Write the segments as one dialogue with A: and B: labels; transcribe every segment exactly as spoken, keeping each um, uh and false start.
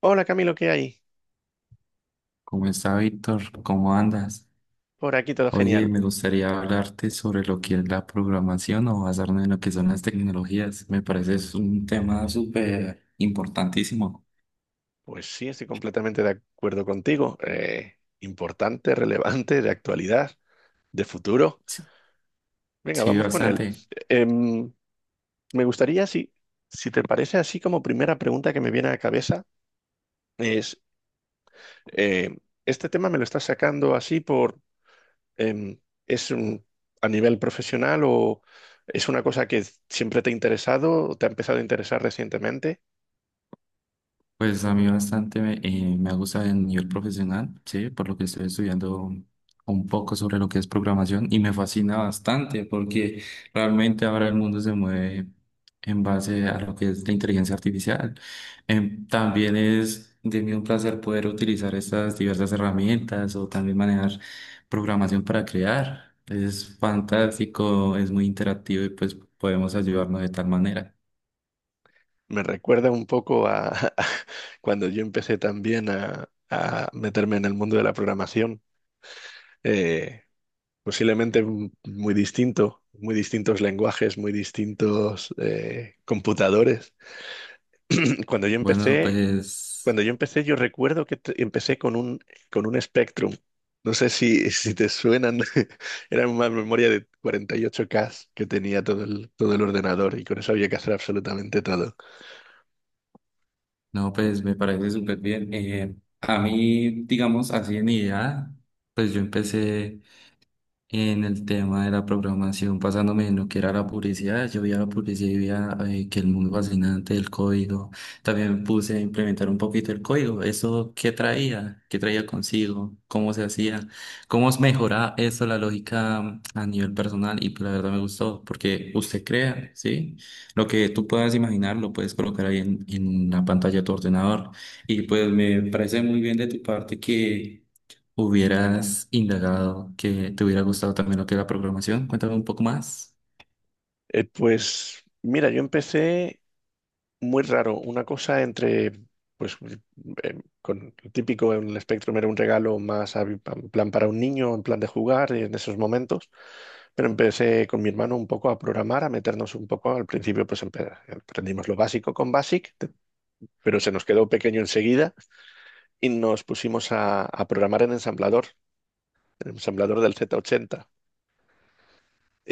A: Hola Camilo, ¿qué hay?
B: ¿Cómo está Víctor? ¿Cómo andas?
A: Por aquí todo
B: Oye,
A: genial.
B: me gustaría hablarte sobre lo que es la programación o basarnos en lo que son las tecnologías. Me parece es un tema súper importantísimo.
A: Pues sí, estoy completamente de acuerdo contigo. Eh, importante, relevante, de actualidad, de futuro.
B: Sí,
A: Venga,
B: sí,
A: vamos con él.
B: bastante.
A: Em, Me gustaría, si, si te parece así como primera pregunta que me viene a la cabeza, es, em, ¿este tema me lo estás sacando así por, em, es un- a nivel profesional o es una cosa que siempre te ha interesado o te ha empezado a interesar recientemente?
B: Pues a mí bastante me, eh, me ha gustado el nivel profesional, sí, por lo que estoy estudiando un poco sobre lo que es programación y me fascina bastante porque realmente ahora el mundo se mueve en base a lo que es la inteligencia artificial. Em, también es de mí un placer poder utilizar estas diversas herramientas o también manejar programación para crear. Es fantástico, es muy interactivo y pues podemos ayudarnos de tal manera.
A: Me recuerda un poco a, cuando yo empecé también a, a meterme en el mundo de la programación. Eh, Posiblemente m- muy distinto, muy distintos lenguajes, muy distintos eh, computadores. Cuando yo
B: Bueno,
A: empecé,
B: pues...
A: Cuando yo empecé, yo recuerdo que te- empecé con un con un Spectrum. No sé si, si te suenan, era una memoria de cuarenta y ocho ka que tenía todo el, todo el ordenador y con eso había que hacer absolutamente todo.
B: No, pues me parece súper bien. Eh, a mí, digamos, así en idea, pues yo empecé en el tema de la programación, pasándome en lo que era la publicidad. Yo vi a la publicidad y vi a, eh, que el mundo fascinante del código. También me puse a implementar un poquito el código. ¿Eso qué traía? ¿Qué traía consigo? ¿Cómo se hacía? ¿Cómo mejoraba eso la lógica a nivel personal? Y pues, la verdad me gustó, porque usted crea, ¿sí? Lo que tú puedas imaginar lo puedes colocar ahí en, en la pantalla de tu ordenador. Y pues me parece muy bien de tu parte que hubieras indagado que te hubiera gustado también lo que es la programación. Cuéntame un poco más.
A: Eh, pues mira, yo empecé muy raro. Una cosa entre, pues, eh, con lo típico en el Spectrum era un regalo más a- en plan para un niño, en plan de jugar en esos momentos. Pero empecé con mi hermano un poco a programar, a meternos un poco. Al principio, pues empe- aprendimos lo básico con BASIC, te- pero se nos quedó pequeño enseguida y nos pusimos a, a programar en ensamblador, en ensamblador del zeta ochenta.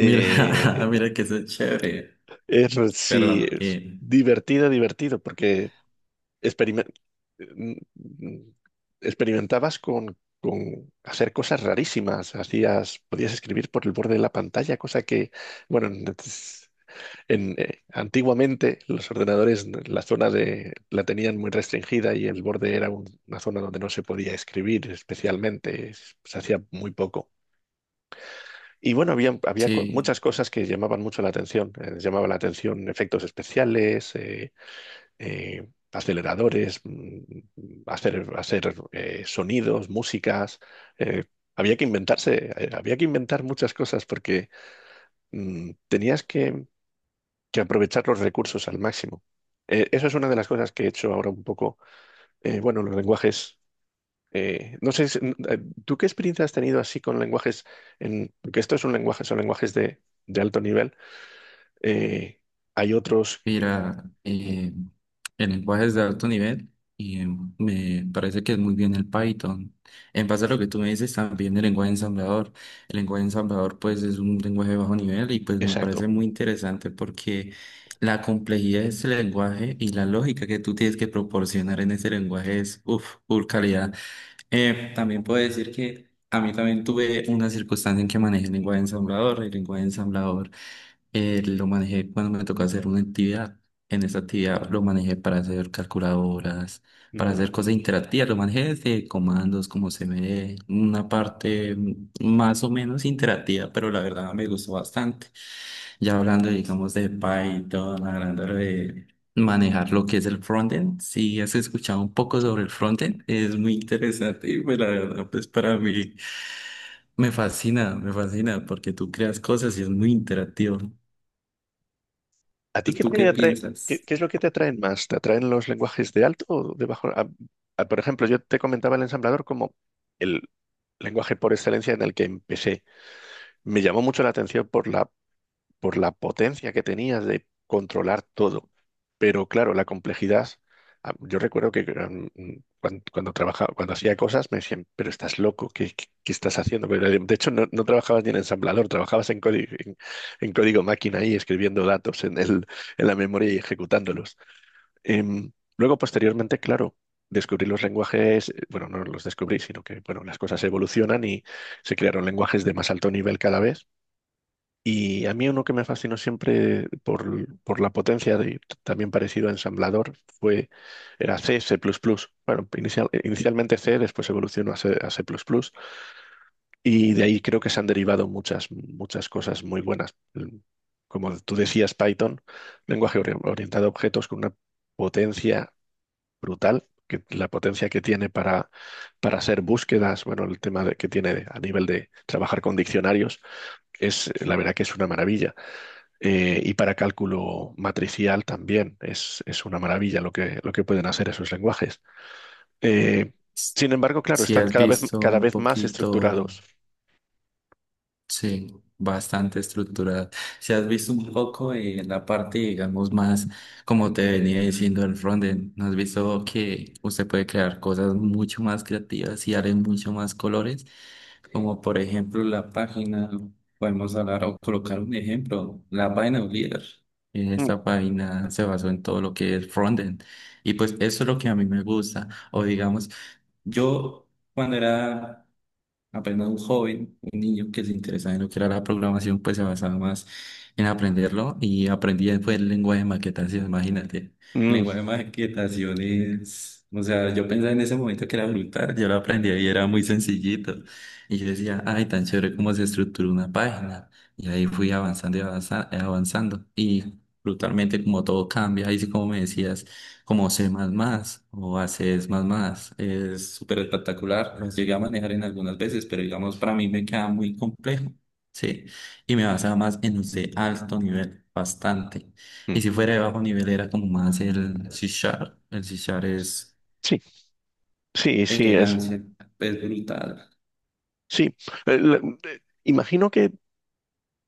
B: Mira, mira que eso es chévere.
A: es, sí,
B: Perdón.
A: es
B: Eh,
A: divertido, divertido, porque experimen- mm, experimentabas con, con hacer cosas rarísimas. Hacías, podías escribir por el borde de la pantalla, cosa que, bueno, en, en, eh, antiguamente los ordenadores, la zona de, la tenían muy restringida y el borde era un- una zona donde no se podía escribir especialmente, es- se hacía muy poco. Y bueno, había, había co- muchas
B: sí.
A: cosas que llamaban mucho la atención. Eh, llamaba la atención efectos especiales, eh, eh, aceleradores, mm, hacer, hacer eh, sonidos, músicas. eh, había que inventarse, eh, Había que inventar muchas cosas porque mm, tenías que, que aprovechar los recursos al máximo. Eh, eso es una de las cosas que he hecho ahora un poco. Eh, bueno, los lenguajes. Eh, no sé, si- eh, ¿tú qué experiencia has tenido así con lenguajes? En, porque esto es un lenguaje, son lenguajes de, de alto nivel. Eh, Hay otros,
B: Mira,
A: mm,
B: eh, en lenguajes de alto nivel, y eh, me parece que es muy bien el Python. En base a lo que tú me dices, también el lenguaje ensamblador. El lenguaje ensamblador, pues, es un lenguaje de bajo nivel y, pues, me
A: exacto.
B: parece muy interesante porque la complejidad de ese lenguaje y la lógica que tú tienes que proporcionar en ese lenguaje es, uff, full calidad. Eh, también puedo decir que a mí también tuve una circunstancia en que manejé el lenguaje ensamblador. El lenguaje ensamblador eh, lo manejé cuando me tocó hacer una actividad. En esa actividad lo manejé para hacer calculadoras, para
A: mm,
B: hacer cosas interactivas. Lo manejé desde comandos, como se ve, una parte mm, más o menos interactiva, pero la verdad me gustó bastante. Ya hablando, digamos, de Python, hablando de manejar lo que es el frontend. Si has escuchado un poco sobre el frontend, es muy interesante y pues la verdad, pues para mí me fascina, me fascina porque tú creas cosas y es muy interactivo.
A: ¿A
B: ¿Tú
A: ti qué
B: tú qué
A: te atrae? ¿Qué,
B: piensas?
A: qué es lo que te atraen más? ¿Te atraen los lenguajes de alto o de bajo? Ah, ah, por ejemplo, yo te comentaba el ensamblador como el lenguaje por excelencia en el que empecé. Me llamó mucho la atención por la por la potencia que tenías de controlar todo. Pero claro, la complejidad, ah, yo recuerdo que um, mm, cuan- cuando, trabajaba, cuando hacía cosas me decían, pero estás loco, ¿qué, qué- qué estás haciendo? Pero, eh, De hecho, no, no trabajabas ni en ensamblador, trabajabas en código, en, en código máquina y escribiendo datos en el, en la memoria y ejecutándolos. Em, Luego, posteriormente, claro. Descubrí los lenguajes, eh, bueno, no los descubrí, sino que, bueno, las cosas evolucionan y se crearon lenguajes de más alto nivel cada vez y a mí uno que me fascinó siempre por, por la potencia, de, también parecido a ensamblador, fue, era C, C++. Bueno, inicial- inicialmente C, después evolucionó a C, a C++. Y de ahí creo que se han derivado muchas, muchas cosas muy buenas. Como tú decías, Python, lenguaje ori- orientado a objetos con una potencia brutal, que, la potencia que tiene para, para hacer búsquedas, bueno, el tema de- que tiene a nivel de trabajar con diccionarios, es la verdad que es una maravilla eh, y para cálculo matricial también. Es, es una maravilla lo que, lo que pueden hacer esos lenguajes. Eh, Sin embargo, claro,
B: Si
A: están
B: has
A: cada vez,
B: visto
A: cada
B: un
A: vez más
B: poquito,
A: estructurados.
B: sí, bastante estructurada. Si has visto un poco en la parte, digamos, más, como te venía diciendo el frontend, ¿no has visto que usted puede crear cosas mucho más creativas y darle mucho más colores? Como por ejemplo la página, podemos hablar o colocar un ejemplo, la página de Oliver. Eh,
A: Mm,
B: Esta página se basó en todo lo que es frontend, y pues eso es lo que a mí me gusta. O digamos, yo cuando era apenas un joven, un niño que se interesaba en lo que era la programación, pues se basaba más en aprenderlo y aprendí después el lenguaje de maquetación, imagínate. El
A: mm,
B: lenguaje de maquetación es, o sea, yo pensaba en ese momento que era brutal, yo lo aprendí y era muy sencillito. Y yo decía, ay, tan chévere cómo se estructura una página. Y ahí fui avanzando y avanza- avanzando. Y brutalmente como todo cambia, ahí sí como me decías como C++ o a C++. Es más más. Es súper espectacular. Los llegué a manejar en algunas veces, pero digamos, para mí me queda muy complejo. Sí, y me basaba más en los de alto nivel, bastante. Y
A: mm.
B: si fuera de bajo nivel era como más el C Sharp. El C Sharp es
A: Sí, sí, sí, es,
B: elegancia, es brutal.
A: sí. Eh, la- eh, Imagino que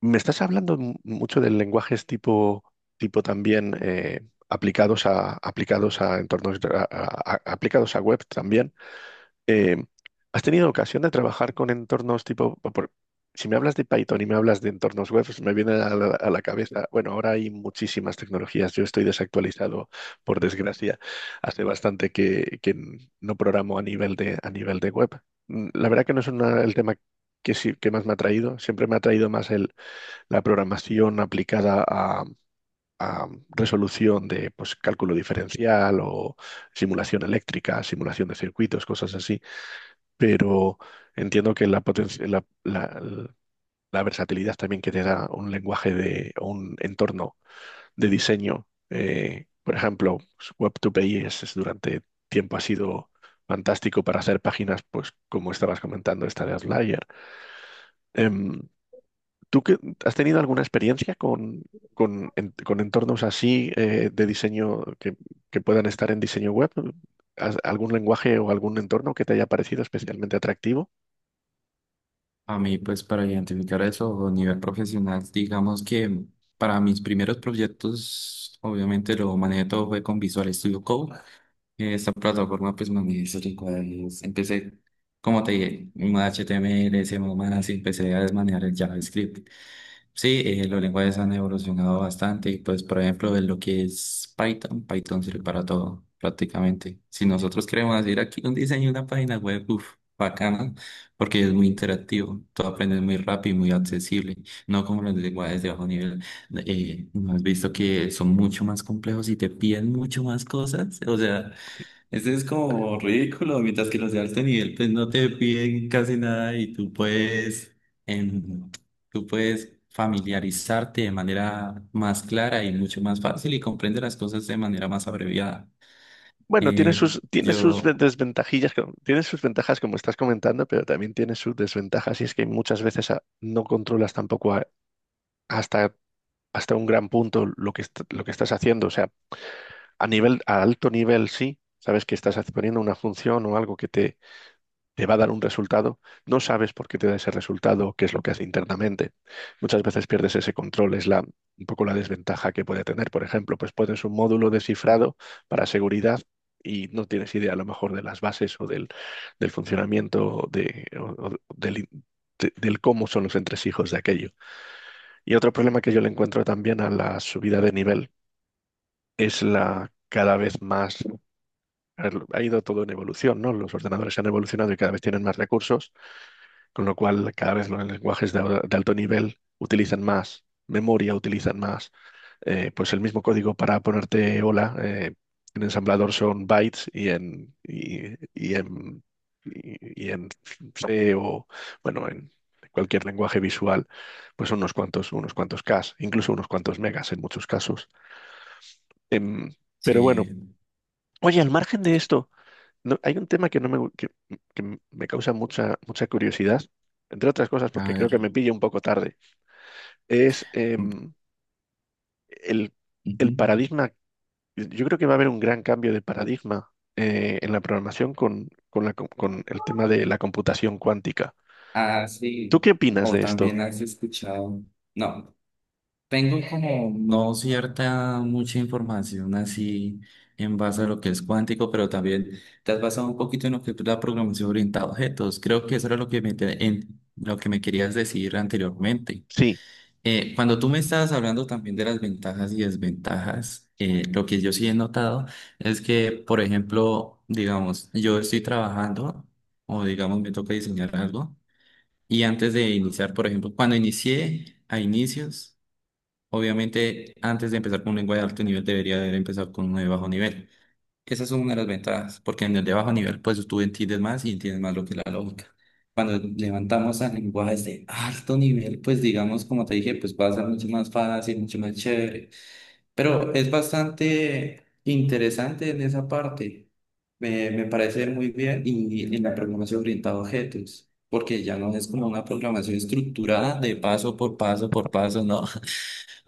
A: me estás hablando mu- mucho de lenguajes tipo, tipo también eh, aplicados a, aplicados a entornos, a- a- a- aplicados a web también. eh, ¿Has tenido ocasión de trabajar con entornos tipo, por- por- si me hablas de Python y me hablas de entornos web, se me viene a la, a la cabeza, bueno, ahora hay muchísimas tecnologías, yo estoy desactualizado, por desgracia, hace bastante que, que no programo a nivel de, a nivel de web. Mm, La verdad que no es una- el tema que, sí- que más me ha traído, siempre me ha traído más el, la programación aplicada a... a resolución de pues, cálculo diferencial o simulación eléctrica, simulación de circuitos, cosas así pero entiendo que la, poten- la, la- la versatilidad también que te da un lenguaje de o un entorno de diseño. Eh, por ejemplo, pues, web dos pi es, es durante tiempo ha sido fantástico para hacer páginas, pues como estabas comentando, esta de Outlier. Em, ¿Tú qué- has tenido alguna experiencia con, con, en- con entornos así eh, de diseño que, que puedan estar en diseño web? ¿Has- ¿Algún lenguaje o algún entorno que te haya parecido especialmente atractivo?
B: A mí, pues, para identificar eso a nivel profesional, digamos que para mis primeros proyectos, obviamente lo manejé todo fue con Visual Studio Code. Esta plataforma, pues, me es rica. Empecé, como te dije, un H T M L, C M S, y empecé a desmanejar el JavaScript. Sí, eh, los lenguajes han evolucionado bastante y, pues, por ejemplo, en lo que es Python, Python sirve para todo, prácticamente. Si nosotros queremos hacer aquí un diseño, de una página web, uff, bacana, porque es muy interactivo, todo aprendes muy rápido y muy accesible, no como los lenguajes de bajo nivel. Eh, ¿no has visto que son mucho más complejos y te piden mucho más cosas? O sea, ese es como ridículo, mientras que los de alto nivel pues no te piden casi nada y tú puedes, em, tú puedes familiarizarte de manera más clara y mucho más fácil y comprender las cosas de manera más abreviada.
A: Bueno, tiene
B: Eh,
A: sus, tiene sus ve-
B: yo,
A: desventajillas, co- tiene sus ventajas como estás comentando, pero también tiene sus desventajas y es que muchas veces ah, no controlas tampoco a- hasta, hasta un gran punto lo que, est- lo que estás haciendo. O sea, a nivel, a alto nivel sí, sabes que estás poniendo una función o algo que te te va a dar un resultado, no sabes por qué te da ese resultado, qué es lo que hace internamente. Muchas veces pierdes ese control, es la, un poco la desventaja que puede tener. Por ejemplo, pues pones un módulo de cifrado para seguridad y no tienes idea a lo mejor de las bases o del, del funcionamiento de, o- o del, de- del cómo son los entresijos de aquello. Y otro problema que yo le encuentro también a la subida de nivel es la cada vez más, a ver, ha ido todo en evolución, ¿no? Los ordenadores han evolucionado y cada vez tienen más recursos con lo cual, cada vez los lenguajes de, de alto nivel utilizan más memoria, utilizan más. Eh, pues el mismo código para ponerte hola eh, en ensamblador son bytes y en, y, y en, y, y en C o, bueno, en cualquier lenguaje visual, pues son unos cuantos, unos cuantos Ks, incluso unos cuantos megas en muchos casos. Em, pero bueno,
B: sí,
A: oye, al margen de esto, no- hay un tema que, no me, que, que me causa mucha, mucha curiosidad, entre otras cosas
B: a
A: porque creo que me
B: ver.
A: pilla un poco tarde. Es
B: Mm,
A: em, el, el
B: ujú.
A: paradigma. Yo creo que va a haber un gran cambio de paradigma eh, en la programación con, con, la co- con el tema de la computación cuántica.
B: Ah,
A: ¿Tú
B: sí.
A: qué opinas
B: O
A: de esto?
B: también has escuchado. No. Tengo como no cierta mucha información así en base a lo que es cuántico, pero también te has basado un poquito en lo que es la programación orientada a objetos. Creo que eso era lo que me, te- en lo que me querías decir anteriormente.
A: Sí,
B: Eh, cuando tú me estabas hablando también de las ventajas y desventajas, eh, lo que yo sí he notado es que, por ejemplo, digamos, yo estoy trabajando o digamos me toca diseñar algo y antes de iniciar, por ejemplo, cuando inicié a inicios. Obviamente, antes de empezar con un lenguaje de alto nivel, debería haber empezado con uno de bajo nivel. Esa es una de las ventajas, porque en el de bajo nivel, pues tú entiendes más y entiendes más lo que es la lógica. Cuando levantamos a lenguajes de alto nivel, pues digamos, como te dije, pues va a ser mucho más fácil, mucho más chévere. Pero es bastante interesante en esa parte. Me, me parece muy bien y en la programación orientada a objetos, porque ya no es como una programación estructurada de paso por paso por paso, ¿no?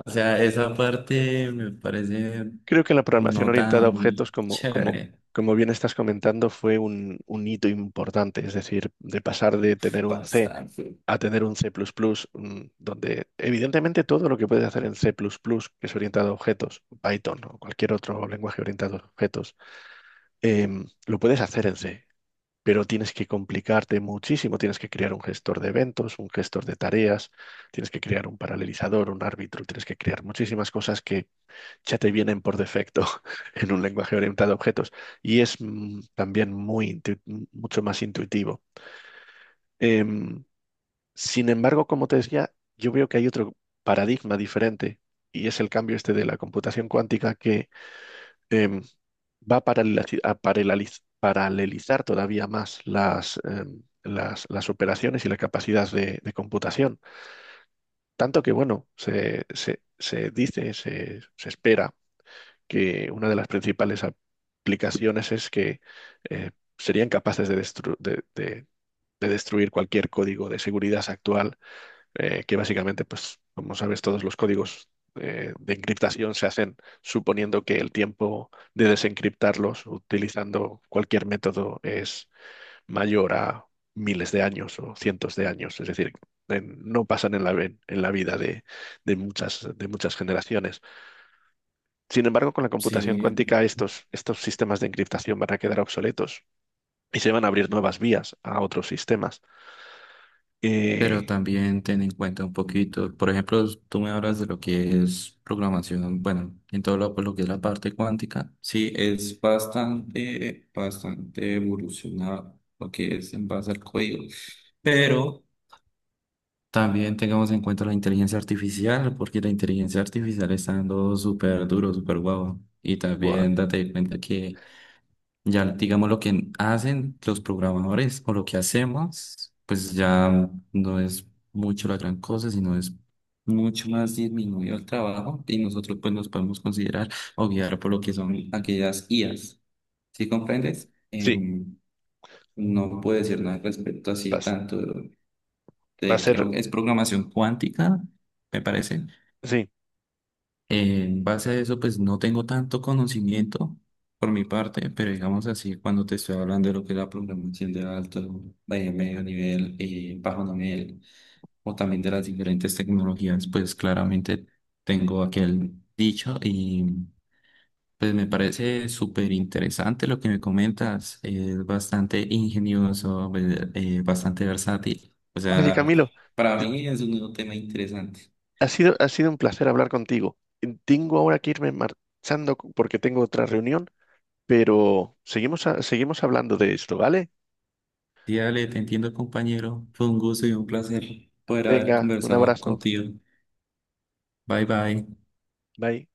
B: O sea, esa parte me parece
A: creo que la programación
B: no
A: orientada a objetos,
B: tan
A: como, como,
B: chévere.
A: como bien estás comentando, fue un, un hito importante, es decir, de pasar de tener un C
B: Bastante.
A: a tener un C++, plus plus mm, donde evidentemente todo lo que puedes hacer en C++, plus plus, que es orientado a objetos, Python o cualquier otro lenguaje orientado a objetos, em, lo puedes hacer en C, pero tienes que complicarte muchísimo, tienes que crear un gestor de eventos, un gestor de tareas, tienes que crear un paralelizador, un árbitro, tienes que crear muchísimas cosas que ya te vienen por defecto en un lenguaje orientado a objetos y es mm, también muy intu- mucho más intuitivo. Em, Sin embargo, como te decía, yo veo que hay otro paradigma diferente y es el cambio este de la computación cuántica que em, va a paraleliz- a paraleliz- paralelizar todavía más las, em, las, las operaciones y la capacidad de, de computación. Tanto que, bueno, se, se- se dice, se, se espera que una de las principales aplicaciones es que eh, serían capaces de, destru- de de- de destruir cualquier código de seguridad actual eh, que básicamente, pues, como sabes, todos los códigos eh, de encriptación se hacen suponiendo que el tiempo de desencriptarlos utilizando cualquier método es mayor a miles de años o cientos de años. Es decir, en- no pasan en la, en en la vida de, de muchas, de muchas generaciones. Sin embargo, con la computación
B: Sí,
A: cuántica, estos, estos sistemas de encriptación van a quedar obsoletos y se van a abrir nuevas vías a otros sistemas.
B: pero
A: Eh,
B: también ten en cuenta un poquito, por ejemplo, tú me hablas de lo que es programación, bueno, en todo lo, pues, lo que es la parte cuántica, sí, es bastante, bastante evolucionado lo que es en base al código, pero también tengamos en cuenta la inteligencia artificial, porque la inteligencia artificial está dando súper duro, súper guau. Y
A: Buah,
B: también date cuenta que ya, digamos, lo que hacen los programadores o lo que hacemos, pues ya no es mucho la gran cosa, sino es mucho más disminuido el trabajo y nosotros pues nos podemos considerar o guiar por lo que son aquellas I As. ¿Sí comprendes?
A: sí,
B: Em, no puedo decir nada al respecto así de
A: vas-
B: tanto,
A: va a
B: eh,
A: ser...
B: creo que es programación cuántica, me parece.
A: Sí,
B: En base a eso, pues no tengo tanto conocimiento por mi parte, pero digamos así, cuando te estoy hablando de lo que es la programación de alto, de medio nivel y bajo nivel, o también de las diferentes tecnologías, pues claramente tengo aquel dicho y pues me parece súper interesante lo que me comentas. Es bastante ingenioso, ve- eh, bastante versátil. O
A: oye,
B: sea,
A: Camilo,
B: para
A: t-
B: mí es un nuevo tema interesante.
A: ha sido, ha sido un placer hablar contigo. Eh, Tengo ahora que irme marchando c- porque tengo otra reunión, pero seguimos, a- seguimos hablando de esto, ¿vale?
B: Sí, dale, te entiendo, compañero. Fue un gusto y un placer poder haber
A: Venga, un
B: conversado
A: abrazo.
B: contigo. Bye, bye.
A: Bye.